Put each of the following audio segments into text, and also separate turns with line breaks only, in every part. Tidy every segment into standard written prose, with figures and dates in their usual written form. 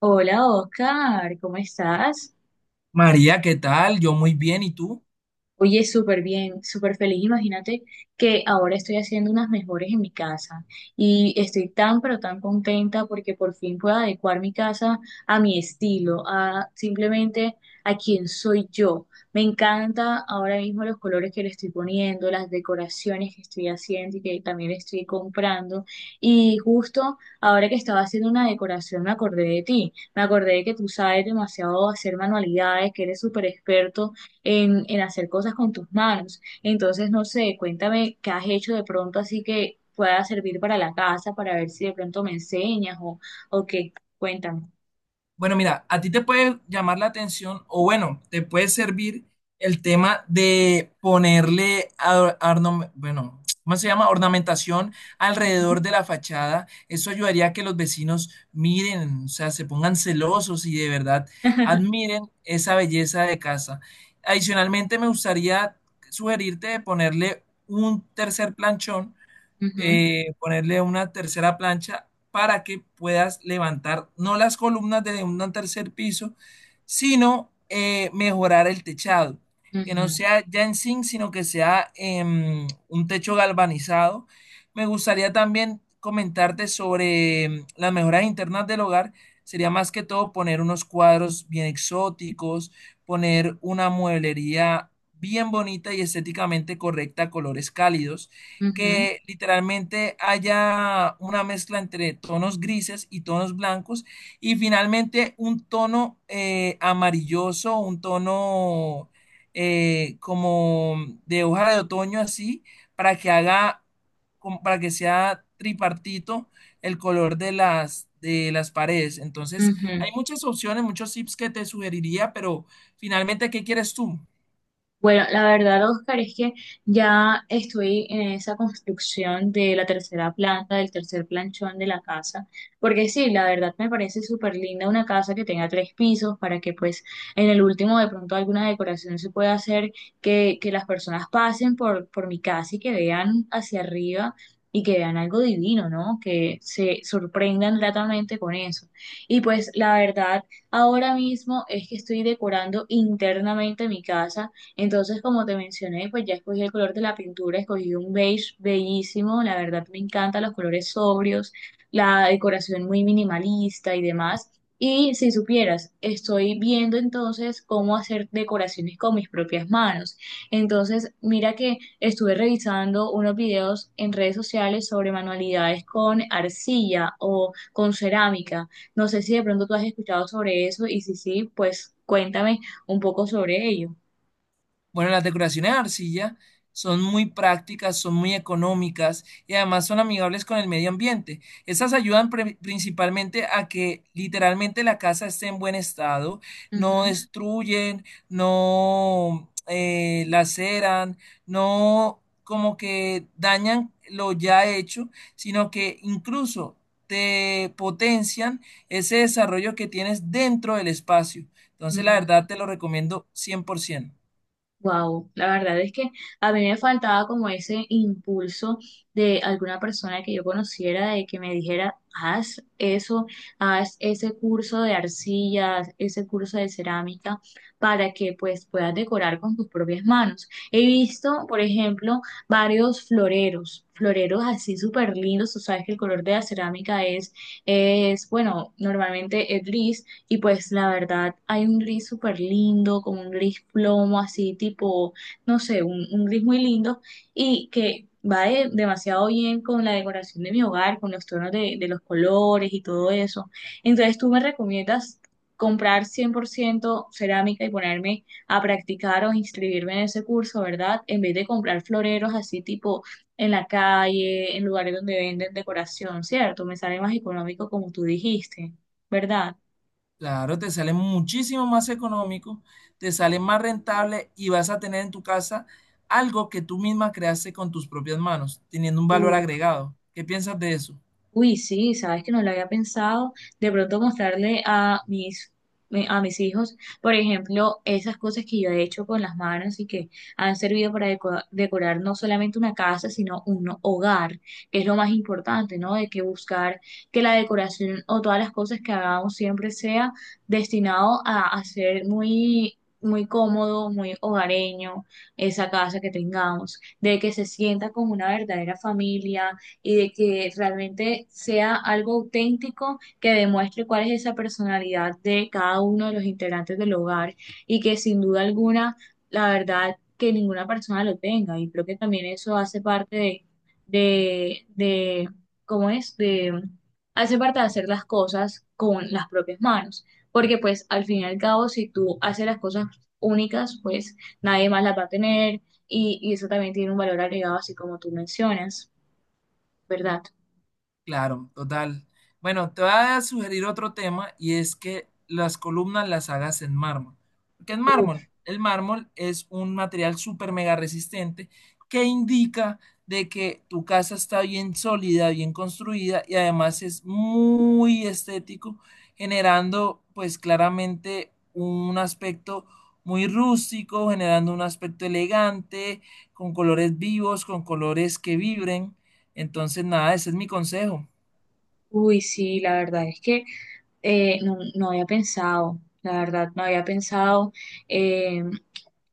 Hola Oscar, ¿cómo estás?
María, ¿qué tal? Yo muy bien, ¿y tú?
Oye, súper bien, súper feliz. Imagínate que ahora estoy haciendo unas mejores en mi casa y estoy tan, pero tan contenta porque por fin puedo adecuar mi casa a mi estilo, a simplemente a quién soy yo. Me encanta ahora mismo los colores que le estoy poniendo, las decoraciones que estoy haciendo y que también estoy comprando. Y justo ahora que estaba haciendo una decoración me acordé de ti. Me acordé de que tú sabes demasiado hacer manualidades, que eres súper experto en hacer cosas con tus manos. Entonces, no sé, cuéntame qué has hecho de pronto así que pueda servir para la casa, para ver si de pronto me enseñas o qué. Cuéntame.
Bueno, mira, a ti te puede llamar la atención o bueno, te puede servir el tema de ponerle, bueno, ¿cómo se llama? Ornamentación
Ujú.
alrededor de la fachada. Eso ayudaría a que los vecinos miren, o sea, se pongan celosos y de verdad admiren esa belleza de casa. Adicionalmente, me gustaría sugerirte de ponerle un tercer planchón,
Ujú,
ponerle una tercera plancha para que puedas levantar no las columnas de un tercer piso, sino mejorar el techado. Que no
ujú,
sea ya en zinc, sino que sea un techo galvanizado. Me gustaría también comentarte sobre las mejoras internas del hogar. Sería más que todo poner unos cuadros bien exóticos, poner una mueblería bien bonita y estéticamente correcta, colores cálidos,
ujú,
que literalmente haya una mezcla entre tonos grises y tonos blancos y finalmente un tono amarilloso, un tono como de hoja de otoño así, para que haga, como para que sea tripartito el color de las paredes. Entonces,
ujú.
hay
Ujú.
muchas opciones, muchos tips que te sugeriría, pero finalmente, ¿qué quieres tú?
Bueno, la verdad, Oscar, es que ya estoy en esa construcción de la tercera planta, del tercer planchón de la casa, porque sí, la verdad me parece súper linda una casa que tenga tres pisos para que pues en el último de pronto alguna decoración se pueda hacer, que las personas pasen por mi casa y que vean hacia arriba y que vean algo divino, ¿no? Que se sorprendan gratamente con eso. Y pues la verdad, ahora mismo es que estoy decorando internamente mi casa entonces, como te mencioné, pues ya escogí el color de la pintura, escogí un beige bellísimo, la verdad me encantan los colores sobrios, la decoración muy minimalista y demás. Y si supieras, estoy viendo entonces cómo hacer decoraciones con mis propias manos. Entonces, mira que estuve revisando unos videos en redes sociales sobre manualidades con arcilla o con cerámica. No sé si de pronto tú has escuchado sobre eso y si sí, pues cuéntame un poco sobre ello.
Bueno, las decoraciones de arcilla son muy prácticas, son muy económicas y además son amigables con el medio ambiente. Estas ayudan principalmente a que literalmente la casa esté en buen estado, no destruyen, no laceran, no como que dañan lo ya hecho, sino que incluso te potencian ese desarrollo que tienes dentro del espacio. Entonces, la verdad te lo recomiendo 100%.
Wow, la verdad es que a mí me faltaba como ese impulso de alguna persona que yo conociera, de que me dijera, haz eso, haz ese curso de arcillas, ese curso de cerámica, para que pues puedas decorar con tus propias manos. He visto, por ejemplo, varios floreros, floreros así súper lindos, tú sabes que el color de la cerámica es, bueno, normalmente es gris. Y pues la verdad, hay un gris súper lindo, como un gris plomo, así tipo, no sé, un gris muy lindo y que va demasiado bien con la decoración de mi hogar, con los tonos de los colores y todo eso. Entonces, ¿tú me recomiendas comprar 100% cerámica y ponerme a practicar o inscribirme en ese curso, ¿verdad? En vez de comprar floreros así tipo en la calle, en lugares donde venden decoración, ¿cierto? Me sale más económico como tú dijiste, ¿verdad?
Claro, te sale muchísimo más económico, te sale más rentable y vas a tener en tu casa algo que tú misma creaste con tus propias manos, teniendo un valor agregado. ¿Qué piensas de eso?
Uy, sí, sabes que no lo había pensado. De pronto mostrarle a mis, a mis hijos, por ejemplo, esas cosas que yo he hecho con las manos y que han servido para decorar no solamente una casa, sino un hogar, que es lo más importante, ¿no? De que buscar que la decoración o todas las cosas que hagamos siempre sea destinado a ser muy, muy cómodo, muy hogareño, esa casa que tengamos, de que se sienta como una verdadera familia y de que realmente sea algo auténtico que demuestre cuál es esa personalidad de cada uno de los integrantes del hogar y que sin duda alguna, la verdad, que ninguna persona lo tenga. Y creo que también eso hace parte de ¿cómo es? De, hace parte de hacer las cosas con las propias manos. Porque pues al fin y al cabo, si tú haces las cosas únicas, pues nadie más las va a tener y eso también tiene un valor agregado, así como tú mencionas, ¿verdad?
Claro, total. Bueno, te voy a sugerir otro tema y es que las columnas las hagas en mármol. ¿Por qué en mármol?
Uf,
El mármol es un material súper mega resistente que indica de que tu casa está bien sólida, bien construida y además es muy estético, generando pues claramente un aspecto muy rústico, generando un aspecto elegante, con colores vivos, con colores que vibren. Entonces, nada, ese es mi consejo.
uy, sí, la verdad es que no, no había pensado, la verdad, no había pensado. eh,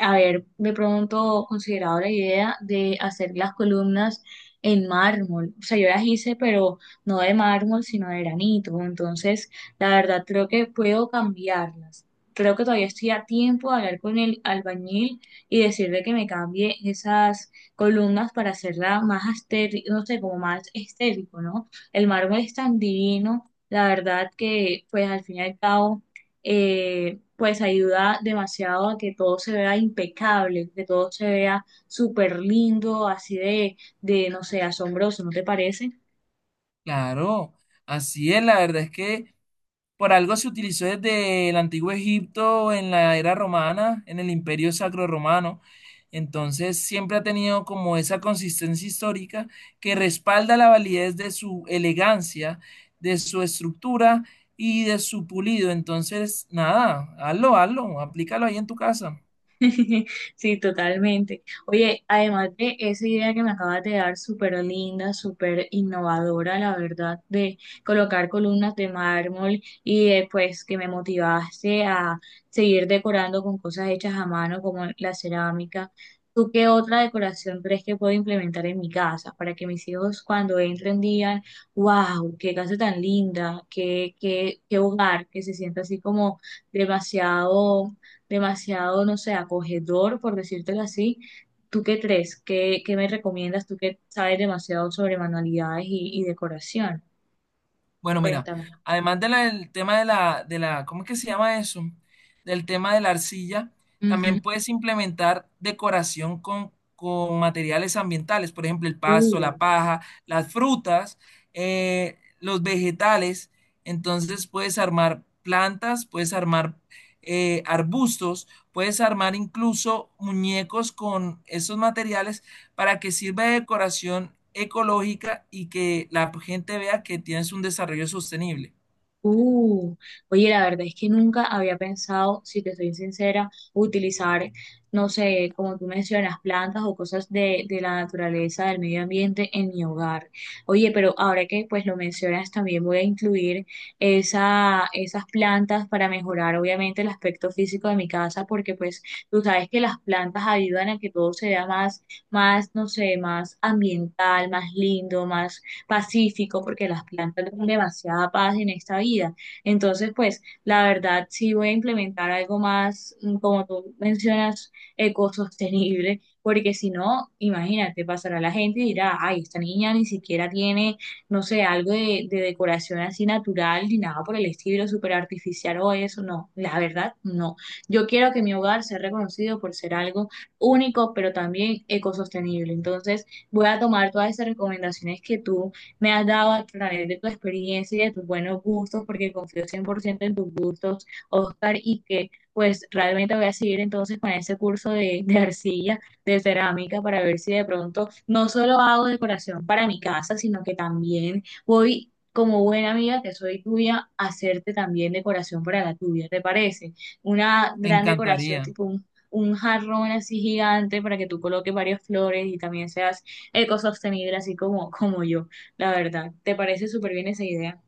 haber de pronto considerado la idea de hacer las columnas en mármol. O sea, yo las hice, pero no de mármol, sino de granito. Entonces, la verdad, creo que puedo cambiarlas. Creo que todavía estoy a tiempo de hablar con el albañil y decirle que me cambie esas columnas para hacerla más estético, no sé, como más estético, ¿no? El mármol es tan divino, la verdad que, pues, al fin y al cabo, pues ayuda demasiado a que todo se vea impecable, que todo se vea súper lindo, así no sé, asombroso, ¿no te parece?
Claro, así es, la verdad es que por algo se utilizó desde el antiguo Egipto, en la era romana, en el imperio sacro romano. Entonces siempre ha tenido como esa consistencia histórica que respalda la validez de su elegancia, de su estructura y de su pulido. Entonces, nada, hazlo, hazlo, aplícalo ahí en tu casa.
Sí, totalmente. Oye, además de esa idea que me acabas de dar, súper linda, súper innovadora, la verdad, de colocar columnas de mármol y después que me motivaste a seguir decorando con cosas hechas a mano como la cerámica, ¿tú qué otra decoración crees que puedo implementar en mi casa para que mis hijos cuando entren digan, wow, qué casa tan linda, qué hogar, que se sienta así como demasiado demasiado, no sé, acogedor, por decírtelo así. ¿Tú qué crees? ¿Qué me recomiendas? Tú que sabes demasiado sobre manualidades y decoración.
Bueno, mira,
Cuéntame.
además de del tema de la, ¿cómo es que se llama eso? Del tema de la arcilla,
Ujú.
también puedes implementar decoración con materiales ambientales, por ejemplo, el pasto,
Uh.
la paja, las frutas, los vegetales. Entonces puedes armar plantas, puedes armar arbustos, puedes armar incluso muñecos con esos materiales para que sirva de decoración ecológica y que la gente vea que tienes un desarrollo sostenible.
Uh, oye, la verdad es que nunca había pensado, si te soy sincera, utilizar, no sé, como tú mencionas, plantas o cosas de la naturaleza, del medio ambiente en mi hogar. Oye, pero ahora que pues lo mencionas, también voy a incluir esas plantas para mejorar obviamente el aspecto físico de mi casa, porque pues tú sabes que las plantas ayudan a que todo se vea más, más, no sé, más ambiental, más lindo, más pacífico, porque las plantas dan demasiada paz en esta vida. Entonces, pues, la verdad, sí voy a implementar algo más, como tú mencionas, ecosostenible, porque si no, imagínate, pasará la gente y dirá, ay, esta niña ni siquiera tiene, no sé, algo de decoración así natural, ni nada por el estilo, súper artificial o eso. No, la verdad, no. Yo quiero que mi hogar sea reconocido por ser algo único, pero también ecosostenible. Entonces, voy a tomar todas esas recomendaciones que tú me has dado a través de tu experiencia y de tus buenos gustos, porque confío 100% en tus gustos, Oscar, y que pues realmente voy a seguir entonces con ese curso de arcilla, de cerámica, para ver si de pronto no solo hago decoración para mi casa, sino que también voy como buena amiga que soy tuya, a hacerte también decoración para la tuya, ¿te parece? Una
Me
gran decoración
encantaría,
tipo un jarrón así gigante para que tú coloques varias flores y también seas ecosostenible así como, como yo la verdad. ¿Te parece súper bien esa idea?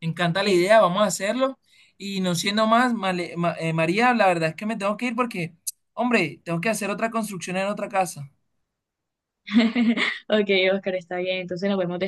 me encanta la
Sí.
idea, vamos a hacerlo. Y no siendo más, María, la verdad es que me tengo que ir porque, hombre, tengo que hacer otra construcción en otra casa.
Ok, Oscar, está bien. Entonces nos vemos después.